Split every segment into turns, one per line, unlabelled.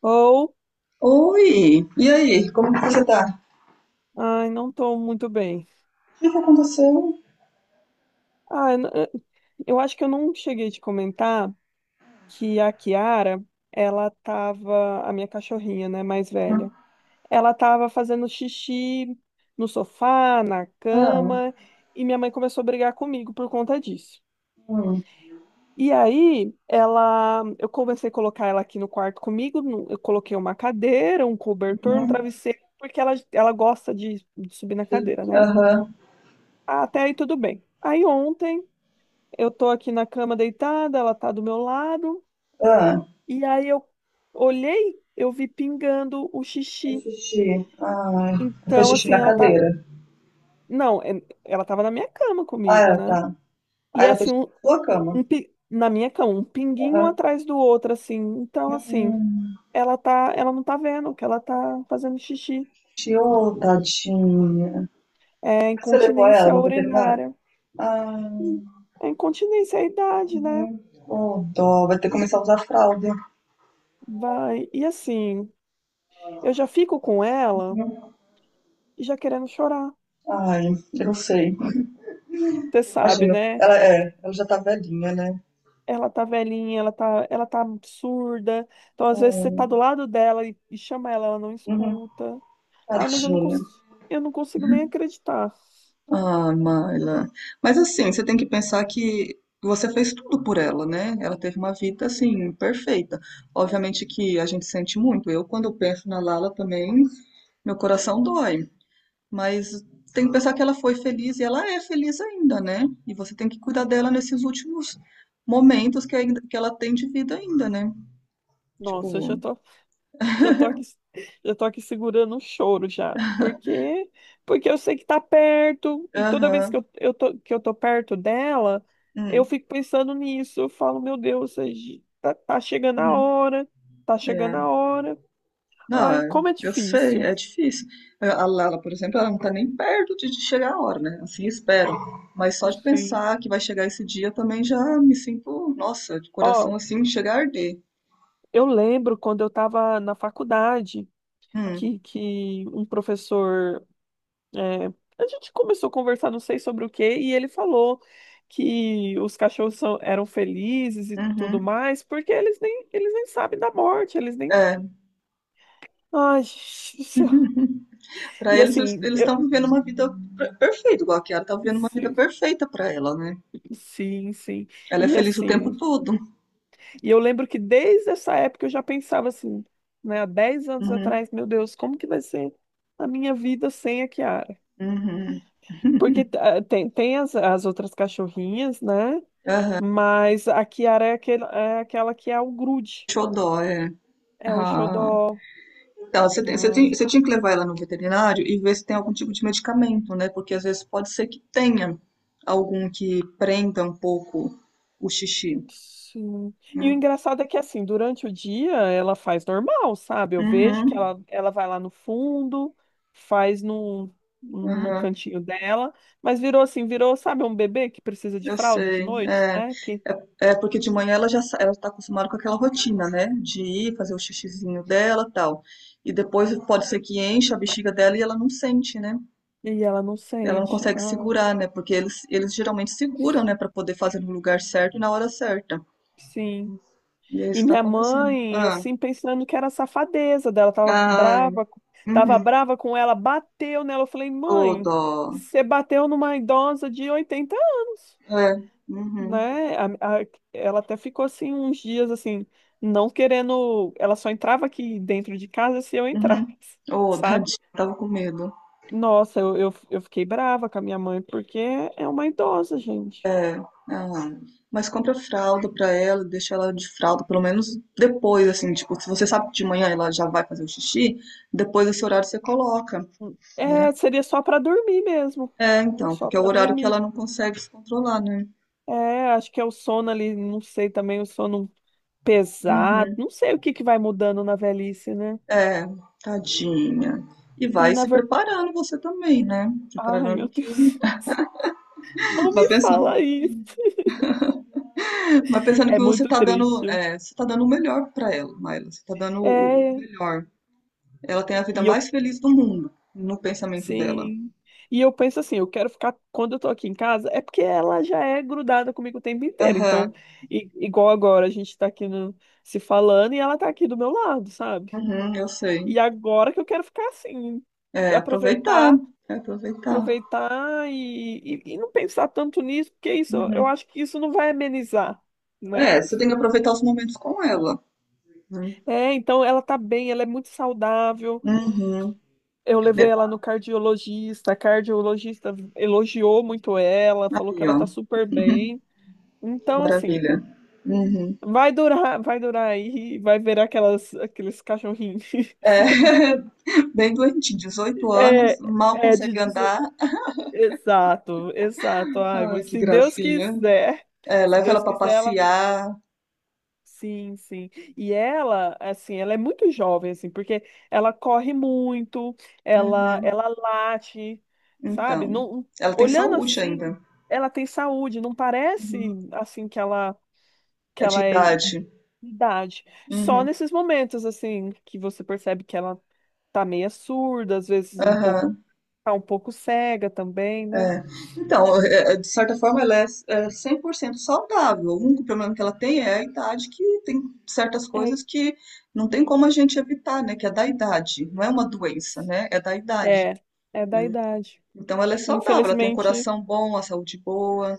Ou,
Oi! E aí, como que você tá?
ai, não tô muito bem.
O que que aconteceu?
Ah, eu acho que eu não cheguei a te comentar que a Kiara, ela tava, a minha cachorrinha, né, mais velha, ela tava fazendo xixi no sofá, na
Ah,
cama, e minha mãe começou a brigar comigo por conta disso.
hum,
E aí, eu comecei a colocar ela aqui no quarto comigo, eu coloquei uma cadeira, um cobertor,
né?
um travesseiro, porque ela gosta de subir na cadeira, né?
Aham.
Ah, até aí tudo bem. Aí, ontem, eu tô aqui na cama deitada, ela tá do meu lado,
Ah,
e aí eu olhei, eu vi pingando o
eu
xixi.
fiz xixi. Ah, eu fiz
Então,
xixi
assim,
na
ela tá.
cadeira.
Não, ela tava na minha cama comigo,
Ah, tá.
né?
Ah,
E é
ela fez
assim,
xixi
um,
na sua cama.
um pi- na minha cama, um pinguinho
Aham.
atrás do outro, assim. Então, assim,
Hum,
ela não tá vendo que ela tá fazendo xixi.
chiou, tadinha.
É
Mas você levou ela
incontinência
no veterinário?
urinária.
Ah,
Hum. É incontinência, é a idade, né?
uhum. Oh, dó. Vai ter que começar a usar fralda.
Vai. E assim, eu já fico com ela
Uhum.
e já querendo chorar.
Ai, eu não sei.
Você sabe,
Imagina.
né?
Ela já tá velhinha, né?
Ela tá velhinha, ela tá surda. Então, às vezes, você tá do
Hum.
lado dela e, chama ela, ela não
Uhum.
escuta. Ai, mas
Tadinho.
eu não consigo nem acreditar.
Ah, Maila. Mas assim, você tem que pensar que você fez tudo por ela, né? Ela teve uma vida assim perfeita. Obviamente que a gente sente muito. Eu, quando eu penso na Lala também, meu coração dói. Mas tem que pensar que ela foi feliz e ela é feliz ainda, né? E você tem que cuidar dela nesses últimos momentos que, ainda, que ela tem de vida ainda, né?
Nossa, eu
Tipo,
já tô aqui, já tô aqui segurando o choro já. Porque eu sei que tá perto, e toda vez que
aham,
que eu tô perto dela, eu
hum,
fico pensando nisso. Eu falo, meu Deus, tá chegando a
uhum,
hora, tá
é.
chegando a hora.
Não,
Ai,
é-
como é
eu sei,
difícil.
é difícil. É, a Lala, por exemplo, ela não tá nem perto de chegar a hora, né? Assim, espero. Mas só de
Sim.
pensar que vai chegar esse dia também já me sinto, nossa, de coração
Ó,
assim, chega a arder.
eu lembro quando eu estava na faculdade
Hum,
que um professor. é, a gente começou a conversar, não sei sobre o quê, e ele falou que os cachorros eram felizes e tudo
uhum,
mais, porque eles nem sabem da morte, eles nem.
é.
Ai, gente do céu.
Para
E
eles,
assim,
eles estão vivendo uma vida perfeita, igual a Kiara tá vivendo uma vida
sim,
perfeita para ela, né?
sim, sim.
Ela é
E
feliz o tempo
assim,
todo.
e eu lembro que desde essa época eu já pensava assim, né, há 10 anos
Uhum,
atrás, meu Deus, como que vai ser a minha vida sem a Kiara?
uhum.
Porque tem as outras cachorrinhas, né? Mas a Kiara é, é aquela que é o grude,
Xodó, é.
é o
Ah.
xodó.
Ela,
Né?
você tinha que levar ela no veterinário e ver se tem algum tipo de medicamento, né? Porque às vezes pode ser que tenha algum que prenda um pouco o xixi,
Sim. E o
né?
engraçado é que, assim, durante o dia ela faz normal, sabe? Eu vejo que
Uhum,
ela vai lá no fundo, faz no
uhum,
cantinho dela, mas virou assim, virou, sabe, um bebê que precisa de
eu
fralda de
sei.
noite,
É,
né? Que,
é, é porque de manhã ela está acostumada com aquela rotina, né? De ir fazer o xixizinho dela, tal. E depois pode ser que encha a bexiga dela e ela não sente, né?
e ela não
Ela não
sente.
consegue
Ah,
segurar, né? Porque eles geralmente seguram, né? Para poder fazer no lugar certo e na hora certa.
sim.
E é
E
isso que tá
minha
acontecendo.
mãe,
Ah,
assim, pensando que era safadeza dela,
ah,
tava
uhum.
brava com ela, bateu nela. Eu falei,
Ô,
mãe,
dó.
você bateu numa idosa de 80 anos,
É, uhum,
né? Ela até ficou assim uns dias assim, não querendo. Ela só entrava aqui dentro de casa se eu
uhum.
entrasse,
Ô,
sabe?
tadinha, tava com medo.
Nossa, eu fiquei brava com a minha mãe, porque é uma idosa, gente.
Ah, mas compra fralda pra ela, deixa ela de fralda, pelo menos depois, assim, tipo, se você sabe que de manhã ela já vai fazer o xixi, depois desse horário você coloca, né?
É, seria só para dormir mesmo,
É, então,
só
porque é o
para
horário que
dormir.
ela não consegue se controlar, né?
É, acho que é o sono ali, não sei também, o sono
Uhum.
pesado, não sei o que que vai mudando na velhice, né?
É, tadinha. E
E
vai
na
se
verdade,
preparando você também, né?
ai
Preparando
meu
que.
Deus, não
Vai
me fala
pensando.
isso.
Mas pensando
É
que você
muito
tá dando,
triste.
é, você tá dando o melhor pra ela, Maila. Você tá dando o
É,
melhor. Ela tem a vida
e eu,
mais feliz do mundo, no pensamento dela.
sim. E eu penso assim, eu quero ficar, quando eu tô aqui em casa, é porque ela já é grudada comigo o tempo inteiro. Então,
Aham,
igual agora, a gente tá aqui se falando e ela tá aqui do meu lado, sabe?
uhum, eu sei.
E agora que eu quero ficar assim,
É, aproveitar,
aproveitar
é aproveitar.
aproveitar e não pensar tanto nisso, porque isso, eu
Uhum.
acho que isso não vai amenizar, né?
É, você tem que aproveitar os momentos com ela. Né?
É, então ela tá bem, ela é muito saudável.
Uhum.
Eu levei
De-
ela no cardiologista, a cardiologista elogiou muito ela, falou que
aí,
ela tá
ó,
super bem.
que
Então, assim,
maravilha. Uhum.
vai durar aí, vai ver aqueles cachorrinhos.
É, bem doentinho, 18 anos,
É,
mal consegue andar.
exato, exato. Ai,
Ai, que
se Deus
gracinha.
quiser,
É,
se
leva
Deus
ela pra
quiser, ela.
passear.
Sim, sim. E ela, assim, ela é muito jovem, assim, porque ela corre muito, ela,
Uhum.
ela late, sabe?
Então,
Não,
ela tem
olhando
saúde
assim,
ainda,
ela tem saúde, não parece assim que ela que
é de
ela é
idade.
idade. Só
Uhum.
nesses momentos assim que você percebe que ela tá meio surda, às vezes um pouco
Aham,
tá um pouco cega também, né?
é. Então, é, de certa forma, é 100% saudável. O único problema que ela tem é a idade, que tem certas coisas que não tem como a gente evitar, né? Que é da idade. Não é uma doença, né? É da idade.
É, é, é da
Né?
idade.
Então, ela é saudável, ela tem um
Infelizmente,
coração bom, a saúde boa.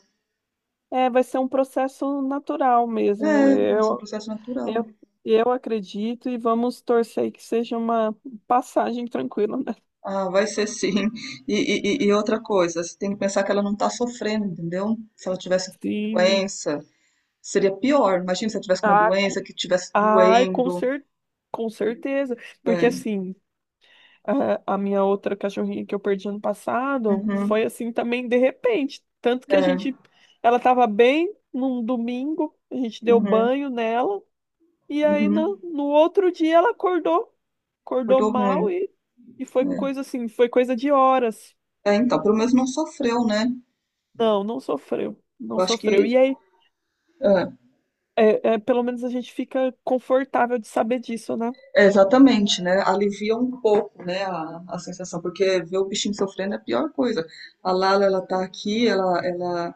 é, vai ser um processo natural
É,
mesmo.
mas é um processo natural.
Eu, eu acredito e vamos torcer que seja uma passagem tranquila, né?
Ah, vai ser sim. Outra coisa, você tem que pensar que ela não está sofrendo, entendeu? Se ela tivesse
Sim.
doença, seria pior. Imagina se ela tivesse uma
Ah,
doença que estivesse
ai,
doendo.
com certeza. Porque
É,
assim, a minha outra cachorrinha que eu perdi ano passado
uhum,
foi assim também de repente. Tanto que a
é,
gente, ela estava bem num domingo, a gente deu
uhum,
banho nela. E aí,
uhum.
no outro dia, ela acordou. Acordou
Acordou ruim.
mal e foi coisa assim, foi coisa de horas.
É, então, pelo menos não sofreu, né?
Não, não sofreu. Não
Eu acho
sofreu.
que.
E aí,
É,
pelo menos a gente fica confortável de saber disso, né?
é, exatamente, né? Alivia um pouco, né, a sensação, porque ver o bichinho sofrendo é a pior coisa. A Lala, ela tá aqui, ela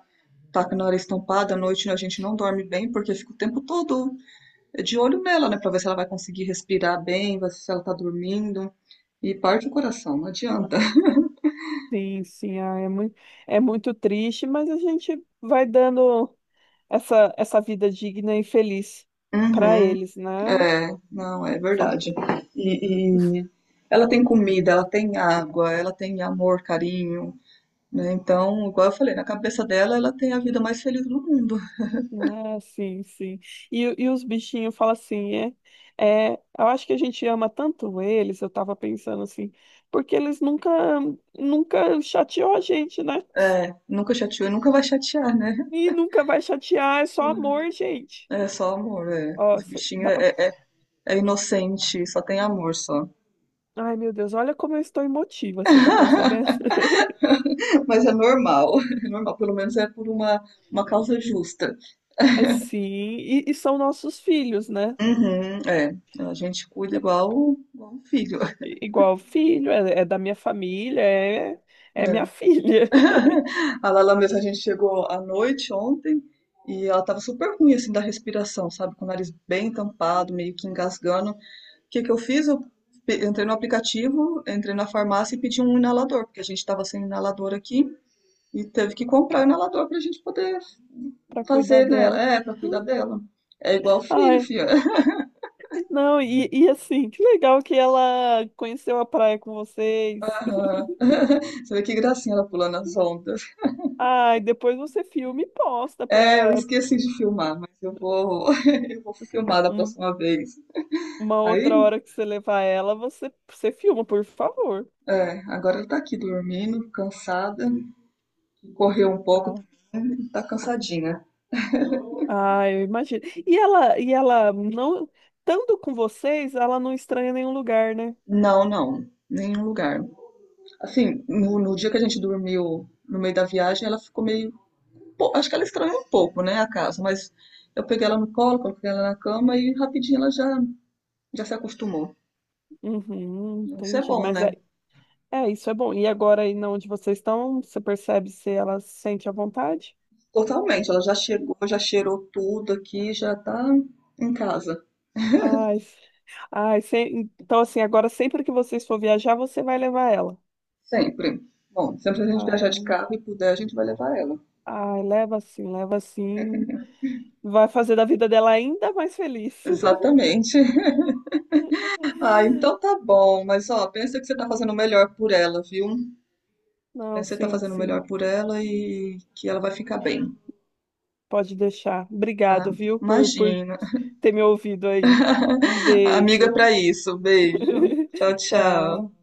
tá com a hora estampada, à noite a gente não dorme bem, porque fica o tempo todo é de olho nela, né, para ver se ela vai conseguir respirar bem, se ela tá dormindo. E parte o coração, não adianta.
Sim, sim, é muito triste, mas a gente vai dando essa vida digna e feliz para
Uhum,
eles, né?
é, não, é
Fa-
verdade. E ela tem comida, ela tem água, ela tem amor, carinho, né? Então, igual eu falei, na cabeça dela, ela tem a vida mais feliz do mundo.
Ah, sim, sim. E os bichinhos falam assim, eu acho que a gente ama tanto eles, eu tava pensando assim, porque eles nunca, nunca chateou a gente, né?
É, nunca chateou e nunca vai chatear, né?
E nunca vai chatear, é só amor, gente.
É só amor, é.
Ó,
Os
cê-
bichinhos
dá pra...
é, é, é inocente, só tem amor, só.
Ai, meu Deus, olha como eu estou emotiva, você tá percebendo?
Mas é normal, pelo menos é por uma causa justa.
É sim, e são nossos filhos, né?
Uhum, é, a gente cuida igual, igual um filho.
Igual filho, é da minha família, é
É.
minha filha,
A Lala mesmo, a gente chegou à noite ontem e ela tava super ruim, assim, da respiração, sabe? Com o nariz bem tampado, meio que engasgando. O que que eu fiz? Eu entrei no aplicativo, entrei na farmácia e pedi um inalador, porque a gente tava sem inalador aqui. E teve que comprar inalador pra gente poder
para cuidar
fazer nela.
dela.
É, pra cuidar dela. É igual filho,
Ai,
filha.
não, e assim, que legal que ela conheceu a praia com vocês.
Aham. Você vê que gracinha ela pulando as ondas.
Ai, depois você filma e posta
É, eu
pra
esqueci de filmar, mas eu vou, eu vou filmar da
um-
próxima vez.
uma
Aí,
outra hora que você levar ela, você filma, por favor.
é, agora ela tá aqui dormindo, cansada. Correu um pouco,
Ah,
tá cansadinha.
ai, eu imagino. E ela não, estando com vocês, ela não estranha nenhum lugar, né?
Não, não, nenhum lugar. Assim, no dia que a gente dormiu no meio da viagem, ela ficou meio pô, acho que ela estranhou um pouco, né, a casa, mas eu peguei ela no colo, coloquei ela na cama e rapidinho já se acostumou.
Uhum,
Isso é
entendi.
bom,
Mas
né?
isso é bom. E agora aí na onde vocês estão, você percebe se ela se sente à vontade?
Totalmente, ela já chegou, já cheirou tudo aqui, já tá em casa,
Ai, ai, então assim, agora sempre que vocês for viajar, você vai levar ela.
sempre. Bom, sempre que a gente viajar de
Ah,
carro e puder, a gente vai levar ela.
ai, leva sim, leva sim. Vai fazer da vida dela ainda mais feliz.
Exatamente. Ah, então tá bom, mas ó, pensa que você tá fazendo o melhor por ela, viu?
Não,
Pensa que você tá
sim,
fazendo o
sim.
melhor por ela e que ela vai ficar bem,
Pode deixar.
tá?
Obrigado, viu, por
Imagina.
ter me ouvido aí. Um
Amiga para
beijo.
isso. Beijo. Tchau,
Tchau.
tchau.